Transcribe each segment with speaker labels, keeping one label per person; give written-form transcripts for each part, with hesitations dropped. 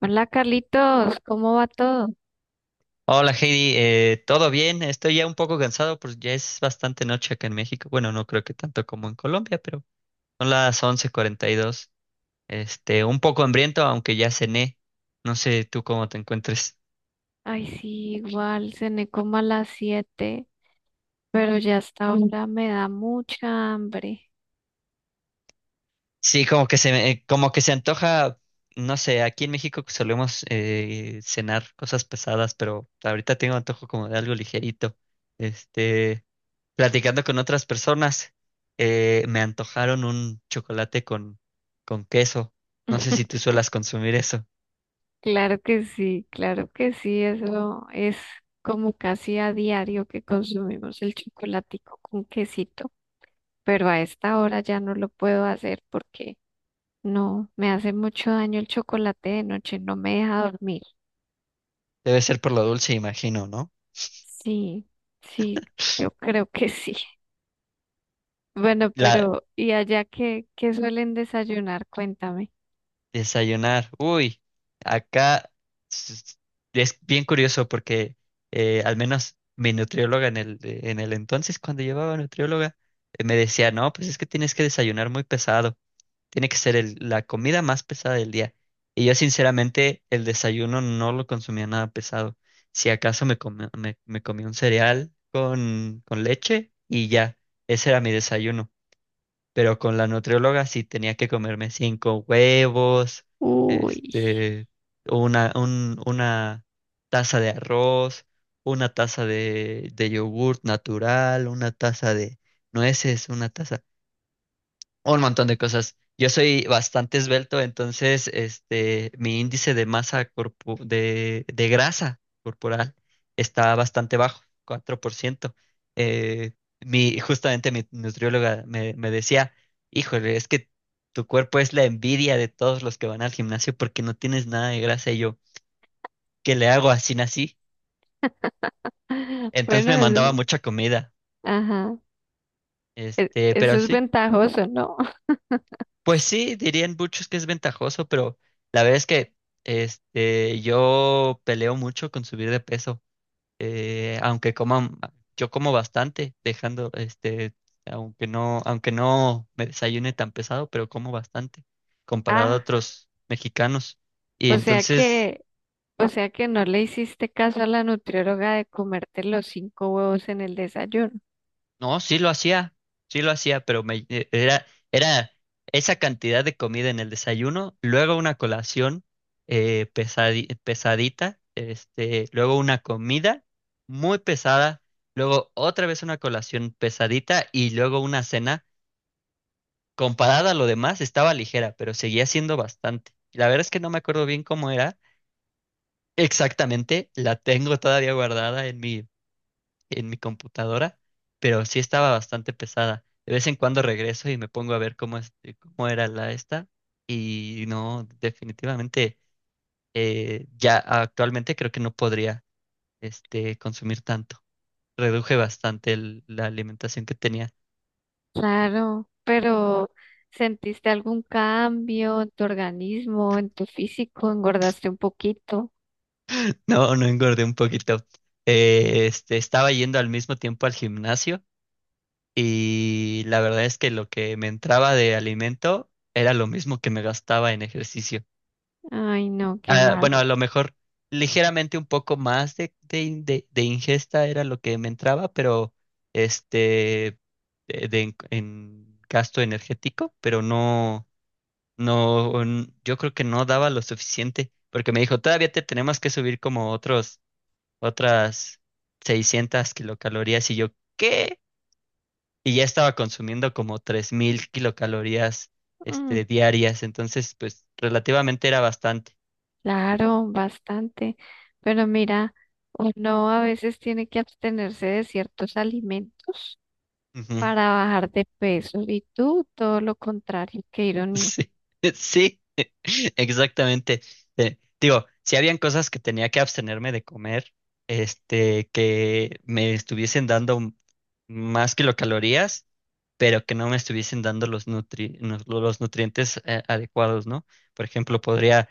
Speaker 1: Hola Carlitos, ¿cómo va todo?
Speaker 2: Hola Heidi, ¿todo bien? Estoy ya un poco cansado, pues ya es bastante noche acá en México. Bueno, no creo que tanto como en Colombia, pero son las 11:42. Un poco hambriento, aunque ya cené. No sé tú cómo te encuentres.
Speaker 1: Ay, sí, igual, cené como a las 7, pero ya hasta ahora me da mucha hambre.
Speaker 2: Sí, como que se antoja, no sé, aquí en México solemos cenar cosas pesadas, pero ahorita tengo antojo como de algo ligerito. Este, Platicando con otras personas, me antojaron un chocolate con queso. No sé si tú suelas consumir eso.
Speaker 1: Claro que sí, eso es como casi a diario que consumimos el chocolatico con quesito, pero a esta hora ya no lo puedo hacer porque no, me hace mucho daño el chocolate de noche, no me deja dormir.
Speaker 2: Debe ser por lo dulce, imagino, ¿no?
Speaker 1: Sí, sí, yo creo que sí. Bueno,
Speaker 2: La
Speaker 1: pero ¿y allá qué suelen desayunar? Cuéntame.
Speaker 2: Desayunar. Uy, acá s- es bien curioso porque al menos mi nutrióloga en el, entonces, cuando llevaba nutrióloga, me decía, no, pues es que tienes que desayunar muy pesado. Tiene que ser la comida más pesada del día. Y yo sinceramente el desayuno no lo consumía nada pesado. Si acaso me comí un cereal con leche y ya, ese era mi desayuno. Pero con la nutrióloga sí tenía que comerme cinco huevos,
Speaker 1: Uy.
Speaker 2: este, una taza de arroz, una taza de yogurt natural, una taza de nueces, una taza. Un montón de cosas. Yo soy bastante esbelto, entonces mi índice de masa de grasa corporal está bastante bajo, 4%. Eh, Justamente mi nutrióloga me decía, híjole, es que tu cuerpo es la envidia de todos los que van al gimnasio porque no tienes nada de grasa y yo, ¿qué le hago? Así nací. Entonces
Speaker 1: Bueno,
Speaker 2: me mandaba mucha comida,
Speaker 1: ajá. Eso
Speaker 2: pero
Speaker 1: es
Speaker 2: sí.
Speaker 1: ventajoso, ¿no?
Speaker 2: Pues sí, dirían muchos que es ventajoso, pero la verdad es que yo peleo mucho con subir de peso, aunque coman, yo como bastante, dejando, aunque no me desayune tan pesado, pero como bastante, comparado a
Speaker 1: Ah,
Speaker 2: otros mexicanos. Y
Speaker 1: o sea
Speaker 2: entonces.
Speaker 1: que, o sea que no le hiciste caso a la nutrióloga de comerte los cinco huevos en el desayuno.
Speaker 2: No, sí lo hacía, pero era esa cantidad de comida en el desayuno, luego una colación pesadita, luego una comida muy pesada, luego otra vez una colación pesadita y luego una cena. Comparada a lo demás, estaba ligera, pero seguía siendo bastante. La verdad es que no me acuerdo bien cómo era exactamente, la tengo todavía guardada en mi computadora, pero sí estaba bastante pesada. De vez en cuando regreso y me pongo a ver cómo, cómo era la esta, y no, definitivamente ya actualmente creo que no podría consumir tanto. Reduje bastante la alimentación que tenía.
Speaker 1: Claro, pero ¿sentiste algún cambio en tu organismo, en tu físico? ¿Engordaste un poquito?
Speaker 2: No, no engordé un poquito. Estaba yendo al mismo tiempo al gimnasio, y la verdad es que lo que me entraba de alimento era lo mismo que me gastaba en ejercicio.
Speaker 1: Ay, no, qué
Speaker 2: Ah,
Speaker 1: mal.
Speaker 2: bueno, a lo mejor ligeramente un poco más de ingesta era lo que me entraba, pero este, en gasto energético, pero no, no, yo creo que no daba lo suficiente, porque me dijo, todavía te tenemos que subir como otras 600 kilocalorías, y yo, ¿qué? Y ya estaba consumiendo como 3.000 kilocalorías,
Speaker 1: Mm.
Speaker 2: diarias, entonces, pues, relativamente era bastante.
Speaker 1: Claro, bastante. Pero mira, uno a veces tiene que abstenerse de ciertos alimentos para bajar de peso. Y tú, todo lo contrario, qué ironía.
Speaker 2: Sí, sí, exactamente. Digo, si habían cosas que tenía que abstenerme de comer, que me estuviesen dando más kilocalorías, pero que no me estuviesen dando los nutrientes adecuados, ¿no? Por ejemplo, podría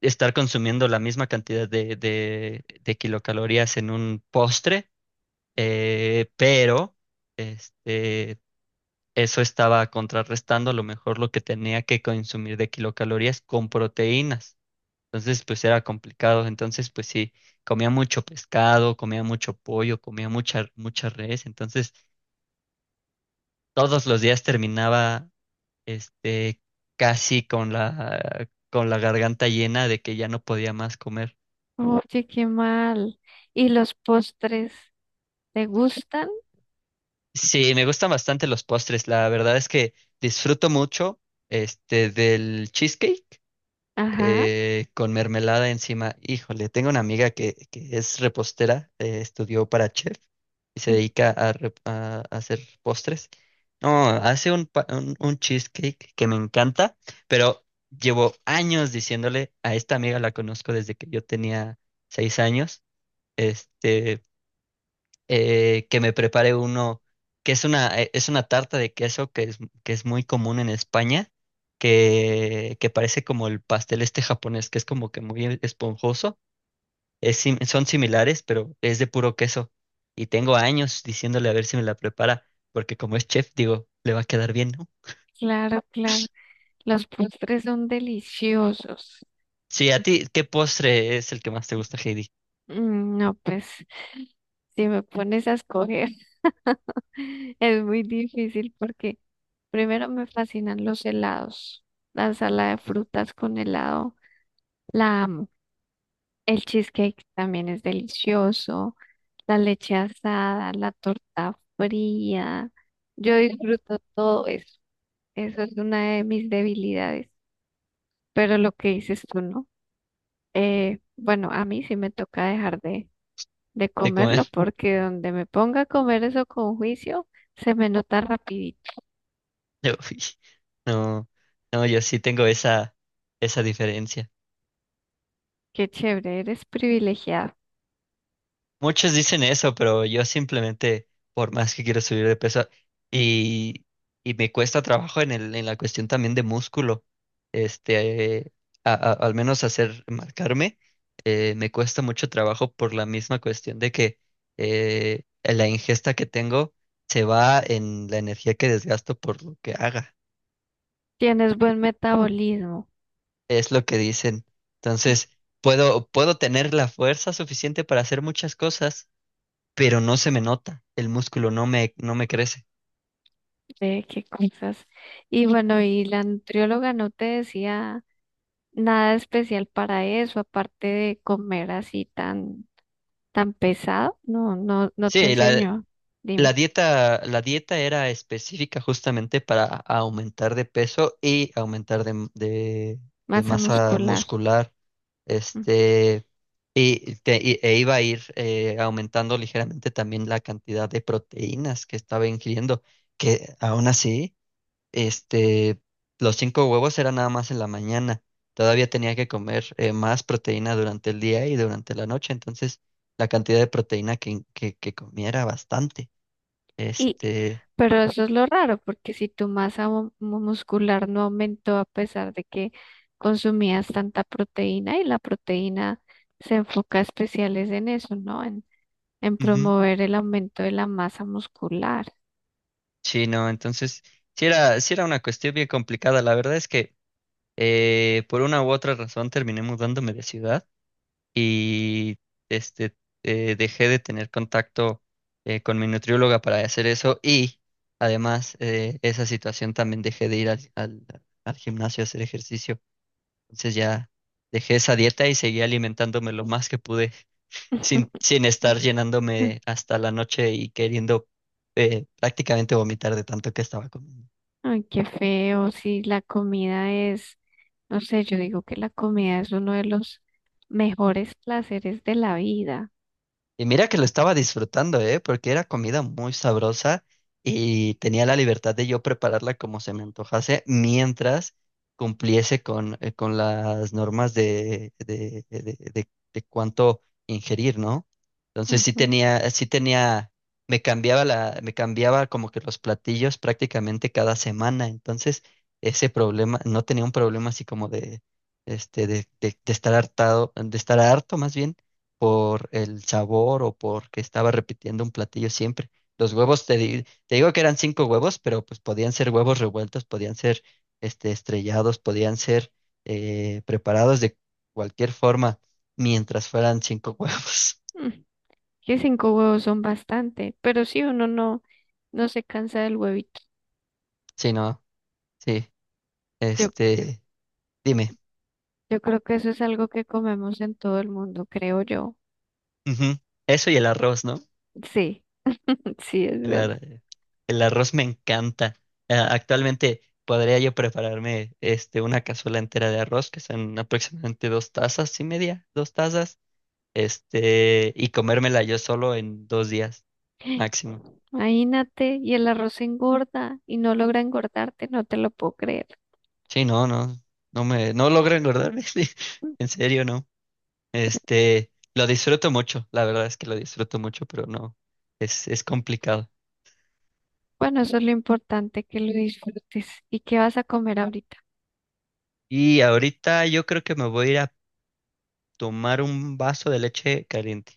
Speaker 2: estar consumiendo la misma cantidad de kilocalorías en un postre, pero este eso estaba contrarrestando a lo mejor lo que tenía que consumir de kilocalorías con proteínas. Entonces, pues era complicado. Entonces, pues sí, comía mucho pescado, comía mucho pollo, comía mucha res. Entonces, todos los días terminaba, este, casi con la garganta llena de que ya no podía más comer.
Speaker 1: Oye, qué mal. ¿Y los postres te gustan?
Speaker 2: Sí, me gustan bastante los postres. La verdad es que disfruto mucho, del cheesecake
Speaker 1: Ajá.
Speaker 2: con mermelada encima. Híjole, tengo una amiga que es repostera, estudió para chef y se
Speaker 1: Mm.
Speaker 2: dedica a hacer postres. No, hace un cheesecake que me encanta, pero llevo años diciéndole a esta amiga, la conozco desde que yo tenía 6 años. Este, que me prepare uno, que es es una tarta de queso que es muy común en España, que parece como el pastel este japonés, que es como que muy esponjoso. Es son similares, pero es de puro queso. Y tengo años diciéndole a ver si me la prepara, porque como es chef, digo, le va a quedar bien, ¿no?
Speaker 1: Claro, claro. Los postres son deliciosos.
Speaker 2: Sí, a ti, ¿qué postre es el que más te gusta, Heidi?
Speaker 1: Mm. No, pues, si me pones a escoger. Es muy difícil porque primero me fascinan los helados. La sala de frutas con helado, la amo. El cheesecake también es delicioso. La leche asada, la torta fría. Yo disfruto todo eso. Eso es una de mis debilidades. Pero lo que dices tú, ¿no? Bueno, a mí sí me toca dejar de
Speaker 2: De
Speaker 1: comerlo
Speaker 2: comer.
Speaker 1: porque donde me ponga a comer eso con juicio, se me nota rapidito.
Speaker 2: Uy, no, no, yo sí tengo esa diferencia.
Speaker 1: Qué chévere, eres privilegiada.
Speaker 2: Muchos dicen eso, pero yo simplemente, por más que quiero subir de peso, y, y me cuesta trabajo en el, en la cuestión también de músculo, este, eh, al menos hacer, marcarme, me cuesta mucho trabajo por la misma cuestión de que la ingesta que tengo se va en la energía que desgasto por lo que haga,
Speaker 1: Tienes buen metabolismo,
Speaker 2: es lo que dicen. Entonces, puedo tener la fuerza suficiente para hacer muchas cosas, pero no se me nota, el músculo no me crece.
Speaker 1: de qué cosas. Y bueno, y la nutrióloga no te decía nada especial para eso, aparte de comer así tan, tan pesado. No, no, no te
Speaker 2: Sí, la,
Speaker 1: enseñó.
Speaker 2: la
Speaker 1: Dime,
Speaker 2: dieta, la dieta era específica justamente para aumentar de peso y aumentar de
Speaker 1: masa
Speaker 2: masa
Speaker 1: muscular.
Speaker 2: muscular.
Speaker 1: Mm.
Speaker 2: Este, Iba a ir aumentando ligeramente también la cantidad de proteínas que estaba ingiriendo, que aún así este, los cinco huevos eran nada más en la mañana. Todavía tenía que comer más proteína durante el día y durante la noche. Entonces, la cantidad de proteína que comiera bastante.
Speaker 1: Y,
Speaker 2: Este,
Speaker 1: pero eso es lo raro, porque si tu masa muscular no aumentó a pesar de que consumías tanta proteína y la proteína se enfoca especiales en eso, ¿no? En
Speaker 2: Ujú.
Speaker 1: promover el aumento de la masa muscular.
Speaker 2: Sí, no, entonces, sí era una cuestión bien complicada. La verdad es que por una u otra razón terminé mudándome de ciudad. Y este, dejé de tener contacto con mi nutrióloga para hacer eso, y además esa situación también dejé de ir al, al gimnasio a hacer ejercicio. Entonces ya dejé esa dieta y seguí alimentándome lo más que pude, sin, sin estar llenándome hasta la noche y queriendo prácticamente vomitar de tanto que estaba comiendo.
Speaker 1: Ay, qué feo, si la comida es, no sé, yo digo que la comida es uno de los mejores placeres de la vida.
Speaker 2: Y mira que lo estaba disfrutando, ¿eh? Porque era comida muy sabrosa y tenía la libertad de yo prepararla como se me antojase mientras cumpliese con las normas de de cuánto ingerir, ¿no? Entonces sí
Speaker 1: Ujú.
Speaker 2: tenía, sí tenía, me cambiaba como que los platillos prácticamente cada semana. Entonces, ese problema, no tenía un problema así como de estar hartado, de estar harto más bien por el sabor o porque estaba repitiendo un platillo siempre. Los huevos, te digo que eran cinco huevos, pero pues podían ser huevos revueltos, podían ser estrellados, podían ser preparados de cualquier forma, mientras fueran cinco huevos.
Speaker 1: Mm. Que cinco huevos son bastante, pero si uno no se cansa del huevito.
Speaker 2: Sí, no, sí,
Speaker 1: Yo,
Speaker 2: este, dime.
Speaker 1: yo creo que eso es algo que comemos en todo el mundo, creo yo.
Speaker 2: Ujú. Eso y el arroz, ¿no?
Speaker 1: Sí, sí, es
Speaker 2: El,
Speaker 1: verdad.
Speaker 2: ar- el arroz me encanta. Ah, actualmente podría yo prepararme una cazuela entera de arroz, que son aproximadamente 2 tazas y media, 2 tazas, y comérmela yo solo en 2 días máximo.
Speaker 1: Imagínate, y el arroz engorda y no logra engordarte, no te lo puedo creer.
Speaker 2: Sí, no, no, no logro engordarme, sí, en serio, no.
Speaker 1: Tre-
Speaker 2: Lo disfruto mucho, la verdad es que lo disfruto mucho, pero no, es complicado.
Speaker 1: Bueno, eso es lo importante, que lo disfrutes. ¿Y qué vas a comer ahorita?
Speaker 2: Y ahorita yo creo que me voy a ir a tomar un vaso de leche caliente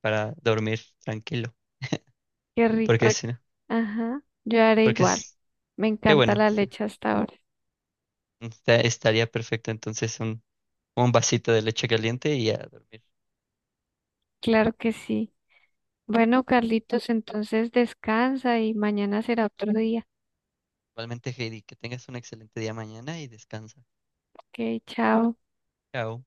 Speaker 2: para dormir tranquilo.
Speaker 1: Qué rico.
Speaker 2: Porque si no,
Speaker 1: Ajá, yo haré
Speaker 2: porque
Speaker 1: igual.
Speaker 2: es,
Speaker 1: Me
Speaker 2: qué
Speaker 1: encanta
Speaker 2: bueno,
Speaker 1: la
Speaker 2: sí.
Speaker 1: leche hasta ahora.
Speaker 2: Estaría perfecto entonces un vasito de leche caliente y a dormir.
Speaker 1: Claro que sí. Bueno, Carlitos, entonces descansa y mañana será otro día.
Speaker 2: Igualmente, Heidi, que tengas un excelente día mañana y descansa.
Speaker 1: Ok, chao.
Speaker 2: Chao.